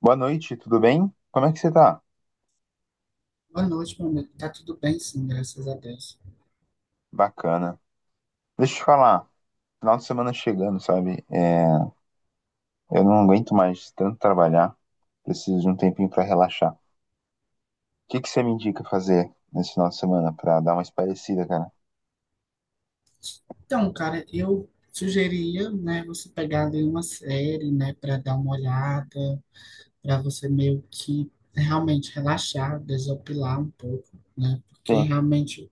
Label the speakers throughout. Speaker 1: Boa noite, tudo bem? Como é que você tá?
Speaker 2: Boa noite, meu amigo. Tá tudo bem, sim, graças a Deus.
Speaker 1: Bacana. Deixa eu te falar, final de semana chegando, sabe? Eu não aguento mais tanto trabalhar, preciso de um tempinho pra relaxar. O que que você me indica fazer nesse final de semana pra dar uma espairecida, cara?
Speaker 2: Então, cara, eu sugeria, né, você pegar ali uma série, né, para dar uma olhada, para você meio que realmente relaxar, desopilar um pouco, né, porque
Speaker 1: Sim,
Speaker 2: realmente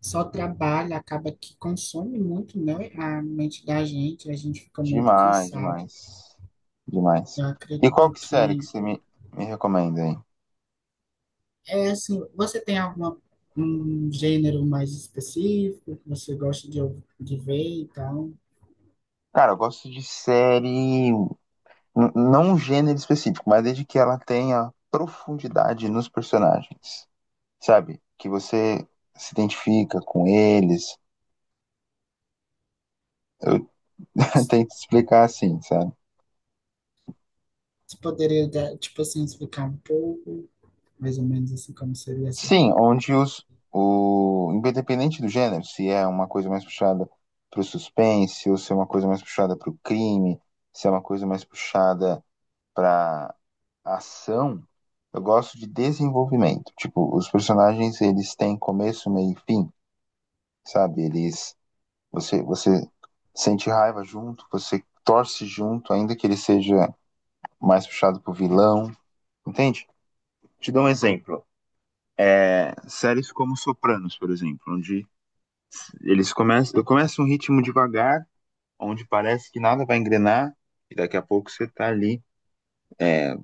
Speaker 2: só trabalho acaba que consome muito, né, a mente da gente, a gente fica muito
Speaker 1: demais,
Speaker 2: cansado.
Speaker 1: demais, demais.
Speaker 2: Eu
Speaker 1: E qual
Speaker 2: acredito
Speaker 1: que série que
Speaker 2: que
Speaker 1: você me recomenda aí?
Speaker 2: é assim, você tem alguma um gênero mais específico que você gosta de, de ver e tal?
Speaker 1: Cara, eu gosto de série, não um gênero específico, mas desde que ela tenha profundidade nos personagens. Sabe? Que você se identifica com eles. Eu tento explicar assim, sabe?
Speaker 2: Você poderia, dar, tipo assim, explicar um pouco, mais ou menos assim, como seria essa?
Speaker 1: Sim, o independente do gênero, se é uma coisa mais puxada para o suspense, ou se é uma coisa mais puxada para o crime, se é uma coisa mais puxada para ação, eu gosto de desenvolvimento. Tipo, os personagens eles têm começo, meio e fim, sabe? Eles Você sente raiva junto, você torce junto, ainda que ele seja mais puxado pro vilão, entende? Te dou um exemplo. Séries como Sopranos, por exemplo, onde começa um ritmo devagar, onde parece que nada vai engrenar, e daqui a pouco você tá ali, é,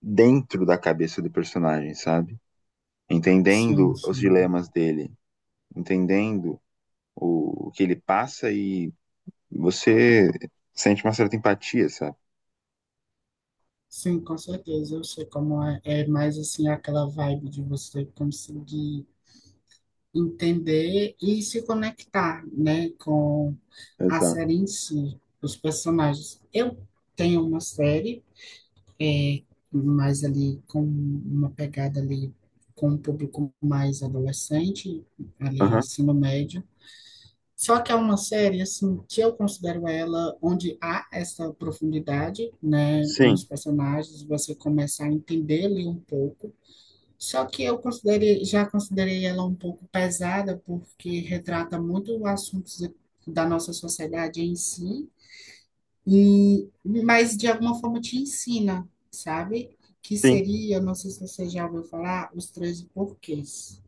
Speaker 1: dentro da cabeça do personagem, sabe?
Speaker 2: Sim,
Speaker 1: Entendendo os
Speaker 2: sim.
Speaker 1: dilemas dele, entendendo o que ele passa e você sente uma certa empatia, sabe?
Speaker 2: Sim, com certeza. Eu sei como é, é mais assim aquela vibe de você conseguir entender e se conectar, né, com a série
Speaker 1: Exato.
Speaker 2: em si, os personagens. Eu tenho uma série, é, mais ali com uma pegada ali com um público mais adolescente, ali
Speaker 1: Aham.
Speaker 2: ensino médio. Só que é uma série, assim, que eu considero ela onde há essa profundidade, né,
Speaker 1: Sim,
Speaker 2: nos personagens, você começa a entender ali um pouco. Só que eu considerei, já considerei ela um pouco pesada, porque retrata muito assuntos da nossa sociedade em si, e, mas de alguma forma te ensina, sabe? Que
Speaker 1: sim.
Speaker 2: seria, não sei se você já ouviu falar, os 13 porquês.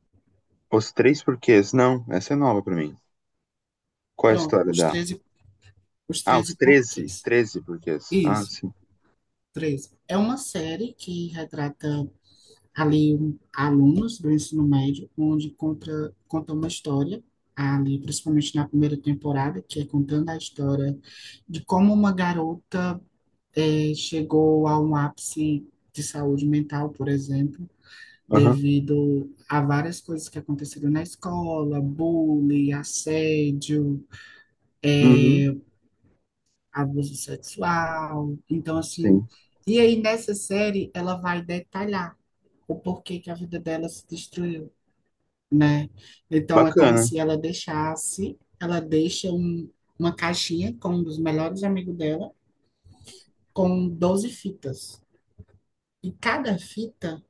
Speaker 1: Os três porquês. Não, essa é nova pra mim. Qual é a
Speaker 2: Pronto,
Speaker 1: história
Speaker 2: os
Speaker 1: da...
Speaker 2: treze os
Speaker 1: Ah, os
Speaker 2: treze
Speaker 1: treze,
Speaker 2: porquês.
Speaker 1: treze, porquês. Ah,
Speaker 2: Isso.
Speaker 1: sim.
Speaker 2: Três. É uma série que retrata ali alunos do ensino médio, onde conta uma história, ali principalmente na primeira temporada, que é contando a história de como uma garota chegou a um ápice de saúde mental, por exemplo,
Speaker 1: Aham.
Speaker 2: devido a várias coisas que aconteceram na escola, bullying, assédio,
Speaker 1: Uhum.
Speaker 2: abuso sexual. Então, assim,
Speaker 1: Sim.
Speaker 2: e aí nessa série ela vai detalhar o porquê que a vida dela se destruiu, né? Então é como
Speaker 1: Bacana.
Speaker 2: se ela deixasse, ela deixa uma caixinha com um dos melhores amigos dela, com 12 fitas. E cada fita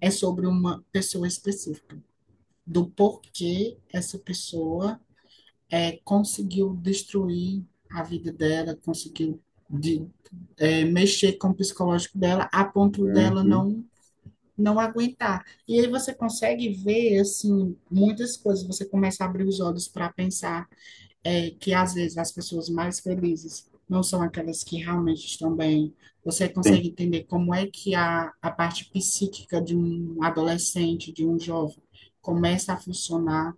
Speaker 2: é sobre uma pessoa específica, do porquê essa pessoa conseguiu destruir a vida dela, conseguiu de, mexer com o psicológico dela a ponto dela
Speaker 1: Uhum.
Speaker 2: não aguentar. E aí você consegue ver, assim, muitas coisas. Você começa a abrir os olhos para pensar que, às vezes, as pessoas mais felizes não são aquelas que realmente estão bem. Você
Speaker 1: Sim,
Speaker 2: consegue entender como é que a parte psíquica de um adolescente, de um jovem, começa a funcionar.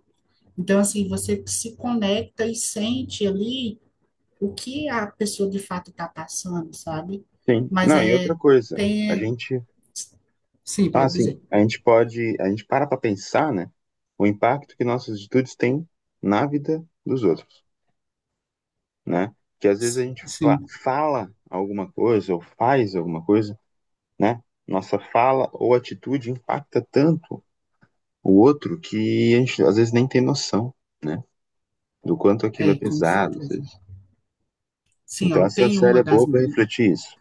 Speaker 2: Então, assim, você se conecta e sente ali o que a pessoa de fato está passando, sabe?
Speaker 1: sim.
Speaker 2: Mas
Speaker 1: Não, e outra
Speaker 2: é,
Speaker 1: coisa,
Speaker 2: tem,
Speaker 1: a
Speaker 2: é,
Speaker 1: gente,
Speaker 2: sim,
Speaker 1: ah,
Speaker 2: pode
Speaker 1: sim,
Speaker 2: dizer,
Speaker 1: a gente pode, a gente para pensar, né, o impacto que nossas atitudes têm na vida dos outros, né? Que às vezes a gente
Speaker 2: sim.
Speaker 1: fala alguma coisa ou faz alguma coisa, né? Nossa fala ou atitude impacta tanto o outro que a gente às vezes nem tem noção, né? Do quanto aquilo é
Speaker 2: É, com
Speaker 1: pesado.
Speaker 2: certeza. Sim,
Speaker 1: Então
Speaker 2: ó,
Speaker 1: essa série é boa para refletir isso,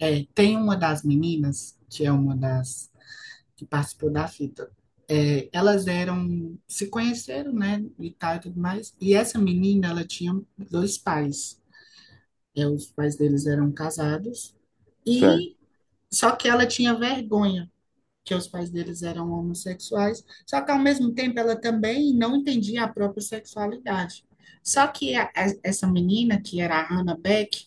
Speaker 2: tem uma das meninas, que é uma das que participou da fita. Elas eram, se conheceram, né, e tal e tudo mais. E essa menina, ela tinha dois pais. Os pais deles eram casados.
Speaker 1: certo?
Speaker 2: E só que ela tinha vergonha, que os pais deles eram homossexuais. Só que ao mesmo tempo ela também não entendia a própria sexualidade. Só que essa menina, que era a Hannah Beck,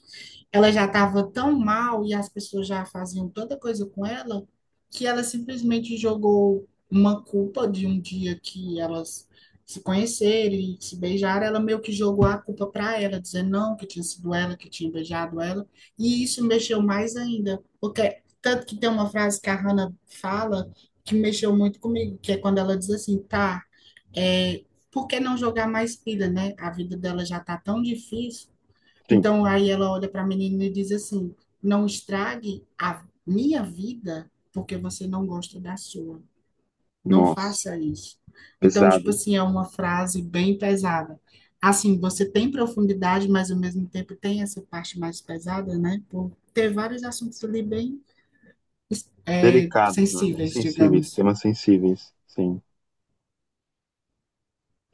Speaker 2: ela já estava tão mal e as pessoas já faziam tanta coisa com ela que ela simplesmente jogou uma culpa de um dia que elas se conheceram e se beijaram. Ela meio que jogou a culpa para ela, dizendo não, que tinha sido ela que tinha beijado ela. E isso mexeu mais ainda, porque tanto que tem uma frase que a Hannah fala que mexeu muito comigo, que é quando ela diz assim, é, por que não jogar mais pilha, né? A vida dela já tá tão difícil
Speaker 1: Sim.
Speaker 2: então, aí ela olha para a menina e diz assim: Não estrague a minha vida porque você não gosta da sua. Não
Speaker 1: Nossa,
Speaker 2: faça isso. Então,
Speaker 1: pesado,
Speaker 2: tipo
Speaker 1: hein?
Speaker 2: assim, é uma frase bem pesada. Assim, você tem profundidade, mas ao mesmo tempo tem essa parte mais pesada, né? Por ter vários assuntos ali bem
Speaker 1: Delicados, né? Bem
Speaker 2: sensíveis,
Speaker 1: sensíveis,
Speaker 2: digamos.
Speaker 1: temas sensíveis, sim.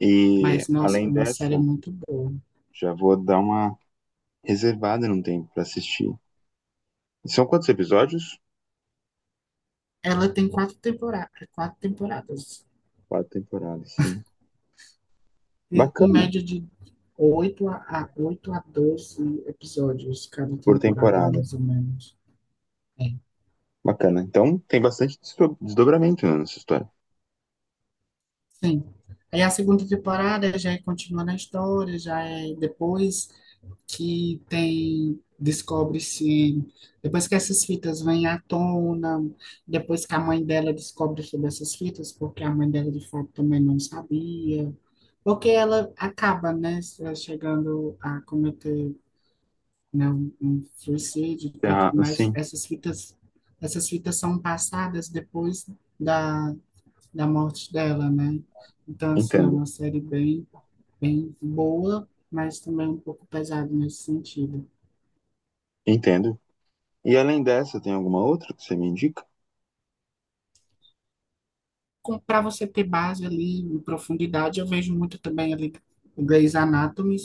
Speaker 1: E
Speaker 2: Mas, nossa, é
Speaker 1: além
Speaker 2: uma
Speaker 1: dessa,
Speaker 2: série muito boa.
Speaker 1: já vou dar uma reservada num tempo para assistir. São quantos episódios?
Speaker 2: Ela tem quatro temporadas, quatro temporadas.
Speaker 1: Quatro temporadas, sim.
Speaker 2: Em
Speaker 1: Bacana,
Speaker 2: média de oito a 12 episódios cada
Speaker 1: por
Speaker 2: temporada,
Speaker 1: temporada.
Speaker 2: mais ou menos. É,
Speaker 1: Bacana. Então tem bastante desdobramento, né, nessa história.
Speaker 2: sim. Aí a segunda temporada já é continuando a história, já é depois que descobre-se, depois que essas fitas vêm à tona, depois que a mãe dela descobre sobre essas fitas, porque a mãe dela de fato também não sabia, porque ela acaba, né, chegando a cometer não, um suicídio e tá,
Speaker 1: Ah,
Speaker 2: tudo mais,
Speaker 1: sim,
Speaker 2: essas fitas são passadas depois da, da morte dela, né? Então, assim, é
Speaker 1: entendo.
Speaker 2: uma série bem, bem boa, mas também um pouco pesada nesse sentido.
Speaker 1: Entendo. E além dessa, tem alguma outra que você me indica?
Speaker 2: Para você ter base ali, profundidade, eu vejo muito também ali o Grey's Anatomy,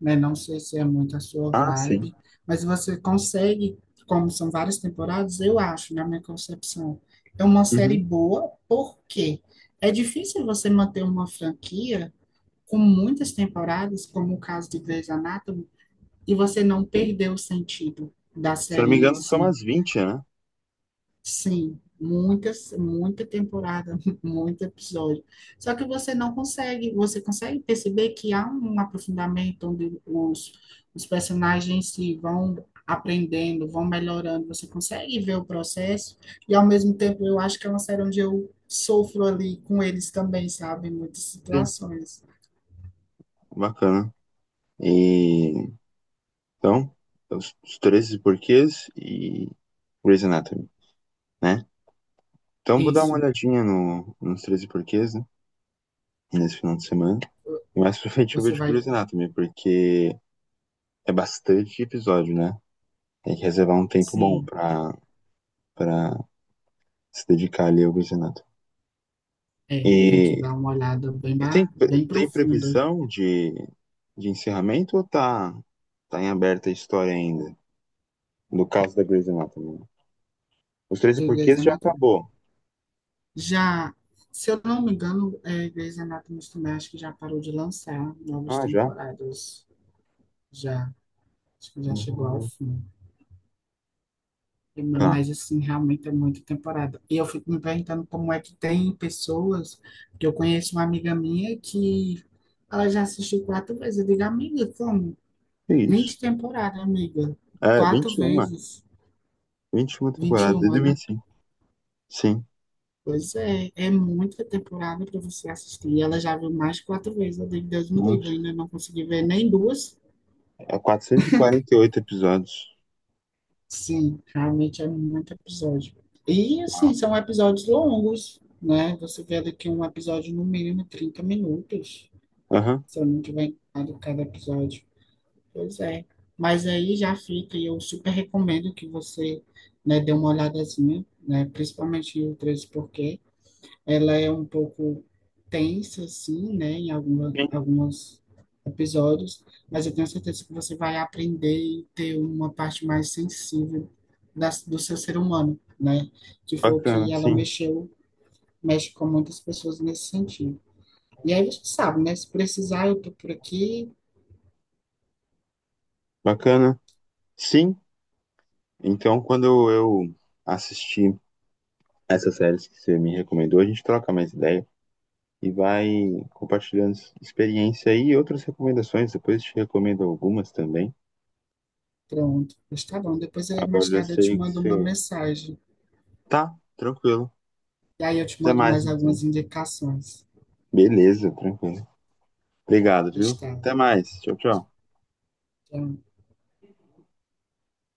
Speaker 2: né? Não sei se é muito a sua
Speaker 1: Ah, sim.
Speaker 2: vibe, mas você consegue, como são várias temporadas, eu acho, na minha concepção, é uma série
Speaker 1: Uhum,
Speaker 2: boa, porque é difícil você manter uma franquia com muitas temporadas, como o caso de Grey's Anatomy, e você não
Speaker 1: sim.
Speaker 2: perder o sentido da
Speaker 1: Se eu não
Speaker 2: série
Speaker 1: me
Speaker 2: em
Speaker 1: engano, são
Speaker 2: si.
Speaker 1: umas 20, né?
Speaker 2: Sim, muitas, muita temporada, muito episódio. Só que você não consegue, você consegue perceber que há um aprofundamento onde os personagens se vão aprendendo, vão melhorando, você consegue ver o processo, e ao mesmo tempo eu acho que é uma série onde eu sofro ali com eles também, sabe, em muitas
Speaker 1: Sim,
Speaker 2: situações.
Speaker 1: bacana. E então, os 13 porquês e Grey's Anatomy, né? Então vou dar uma
Speaker 2: Isso,
Speaker 1: olhadinha no, nos 13 porquês, né? Nesse final de semana. E mais pra frente eu
Speaker 2: você
Speaker 1: vejo
Speaker 2: vai,
Speaker 1: Grey's Anatomy, porque é bastante episódio, né? Tem que reservar um tempo bom
Speaker 2: sim,
Speaker 1: pra se dedicar ali ao Grey's Anatomy.
Speaker 2: tem que
Speaker 1: E,
Speaker 2: dar uma olhada bem,
Speaker 1: e tem,
Speaker 2: ba- bem
Speaker 1: tem
Speaker 2: profunda
Speaker 1: previsão de encerramento, ou tá em aberta a história ainda? No caso da Grey's Anatomy. Os Treze
Speaker 2: do
Speaker 1: porquês já
Speaker 2: desenho.
Speaker 1: acabou.
Speaker 2: Já, se eu não me engano, Grey's Anatomy também acho que já parou de lançar novas
Speaker 1: Ah, já?
Speaker 2: temporadas. Já, acho que já chegou ao
Speaker 1: Uhum.
Speaker 2: fim. É,
Speaker 1: Tá.
Speaker 2: Mas, assim, realmente é muita temporada. E eu fico me perguntando como é que tem pessoas, que eu conheço uma amiga minha que ela já assistiu quatro vezes. Eu digo, amiga, como?
Speaker 1: É isso?
Speaker 2: 20 temporadas, amiga.
Speaker 1: É,
Speaker 2: Quatro
Speaker 1: 21, é.
Speaker 2: vezes.
Speaker 1: 21 temporadas,
Speaker 2: 21,
Speaker 1: desde
Speaker 2: né?
Speaker 1: 2005. Sim. Sim.
Speaker 2: Pois é, é muita temporada para você assistir. Ela já viu mais de quatro vezes, eu digo, Deus me livre, eu
Speaker 1: Nossa.
Speaker 2: ainda não consegui ver nem duas.
Speaker 1: É 448 episódios.
Speaker 2: Sim, realmente é muito episódio. E,
Speaker 1: Uau.
Speaker 2: assim, são episódios longos, né? Você vê daqui um episódio no mínimo 30 minutos,
Speaker 1: Aham.
Speaker 2: se eu não tiver enganado cada episódio. Pois é. Mas aí já fica, e eu super recomendo que você, né, dê uma olhadazinha, né? Principalmente o 13, porque ela é um pouco tensa, assim, né, em alguma,
Speaker 1: Sim.
Speaker 2: alguns episódios, mas eu tenho certeza que você vai aprender e ter uma parte mais sensível da, do seu ser humano, né, que foi o
Speaker 1: Bacana,
Speaker 2: que ela
Speaker 1: sim.
Speaker 2: mexeu, mexe com muitas pessoas nesse sentido. E aí você sabe, né, se precisar, eu tô por aqui,
Speaker 1: Bacana. Sim. Então, quando eu assistir essas séries que você me recomendou, a gente troca mais ideia e vai compartilhando experiência aí e outras recomendações. Depois eu te recomendo algumas também.
Speaker 2: pronto, mas tá bom, depois aí
Speaker 1: Agora
Speaker 2: mais
Speaker 1: eu já
Speaker 2: tarde eu te
Speaker 1: sei que
Speaker 2: mando uma
Speaker 1: você.
Speaker 2: mensagem,
Speaker 1: Tá, tranquilo.
Speaker 2: e aí eu te
Speaker 1: Até
Speaker 2: mando
Speaker 1: mais,
Speaker 2: mais
Speaker 1: então.
Speaker 2: algumas indicações.
Speaker 1: Beleza, tranquilo. Obrigado, viu?
Speaker 2: Está.
Speaker 1: Até mais. Tchau, tchau.
Speaker 2: Tchau.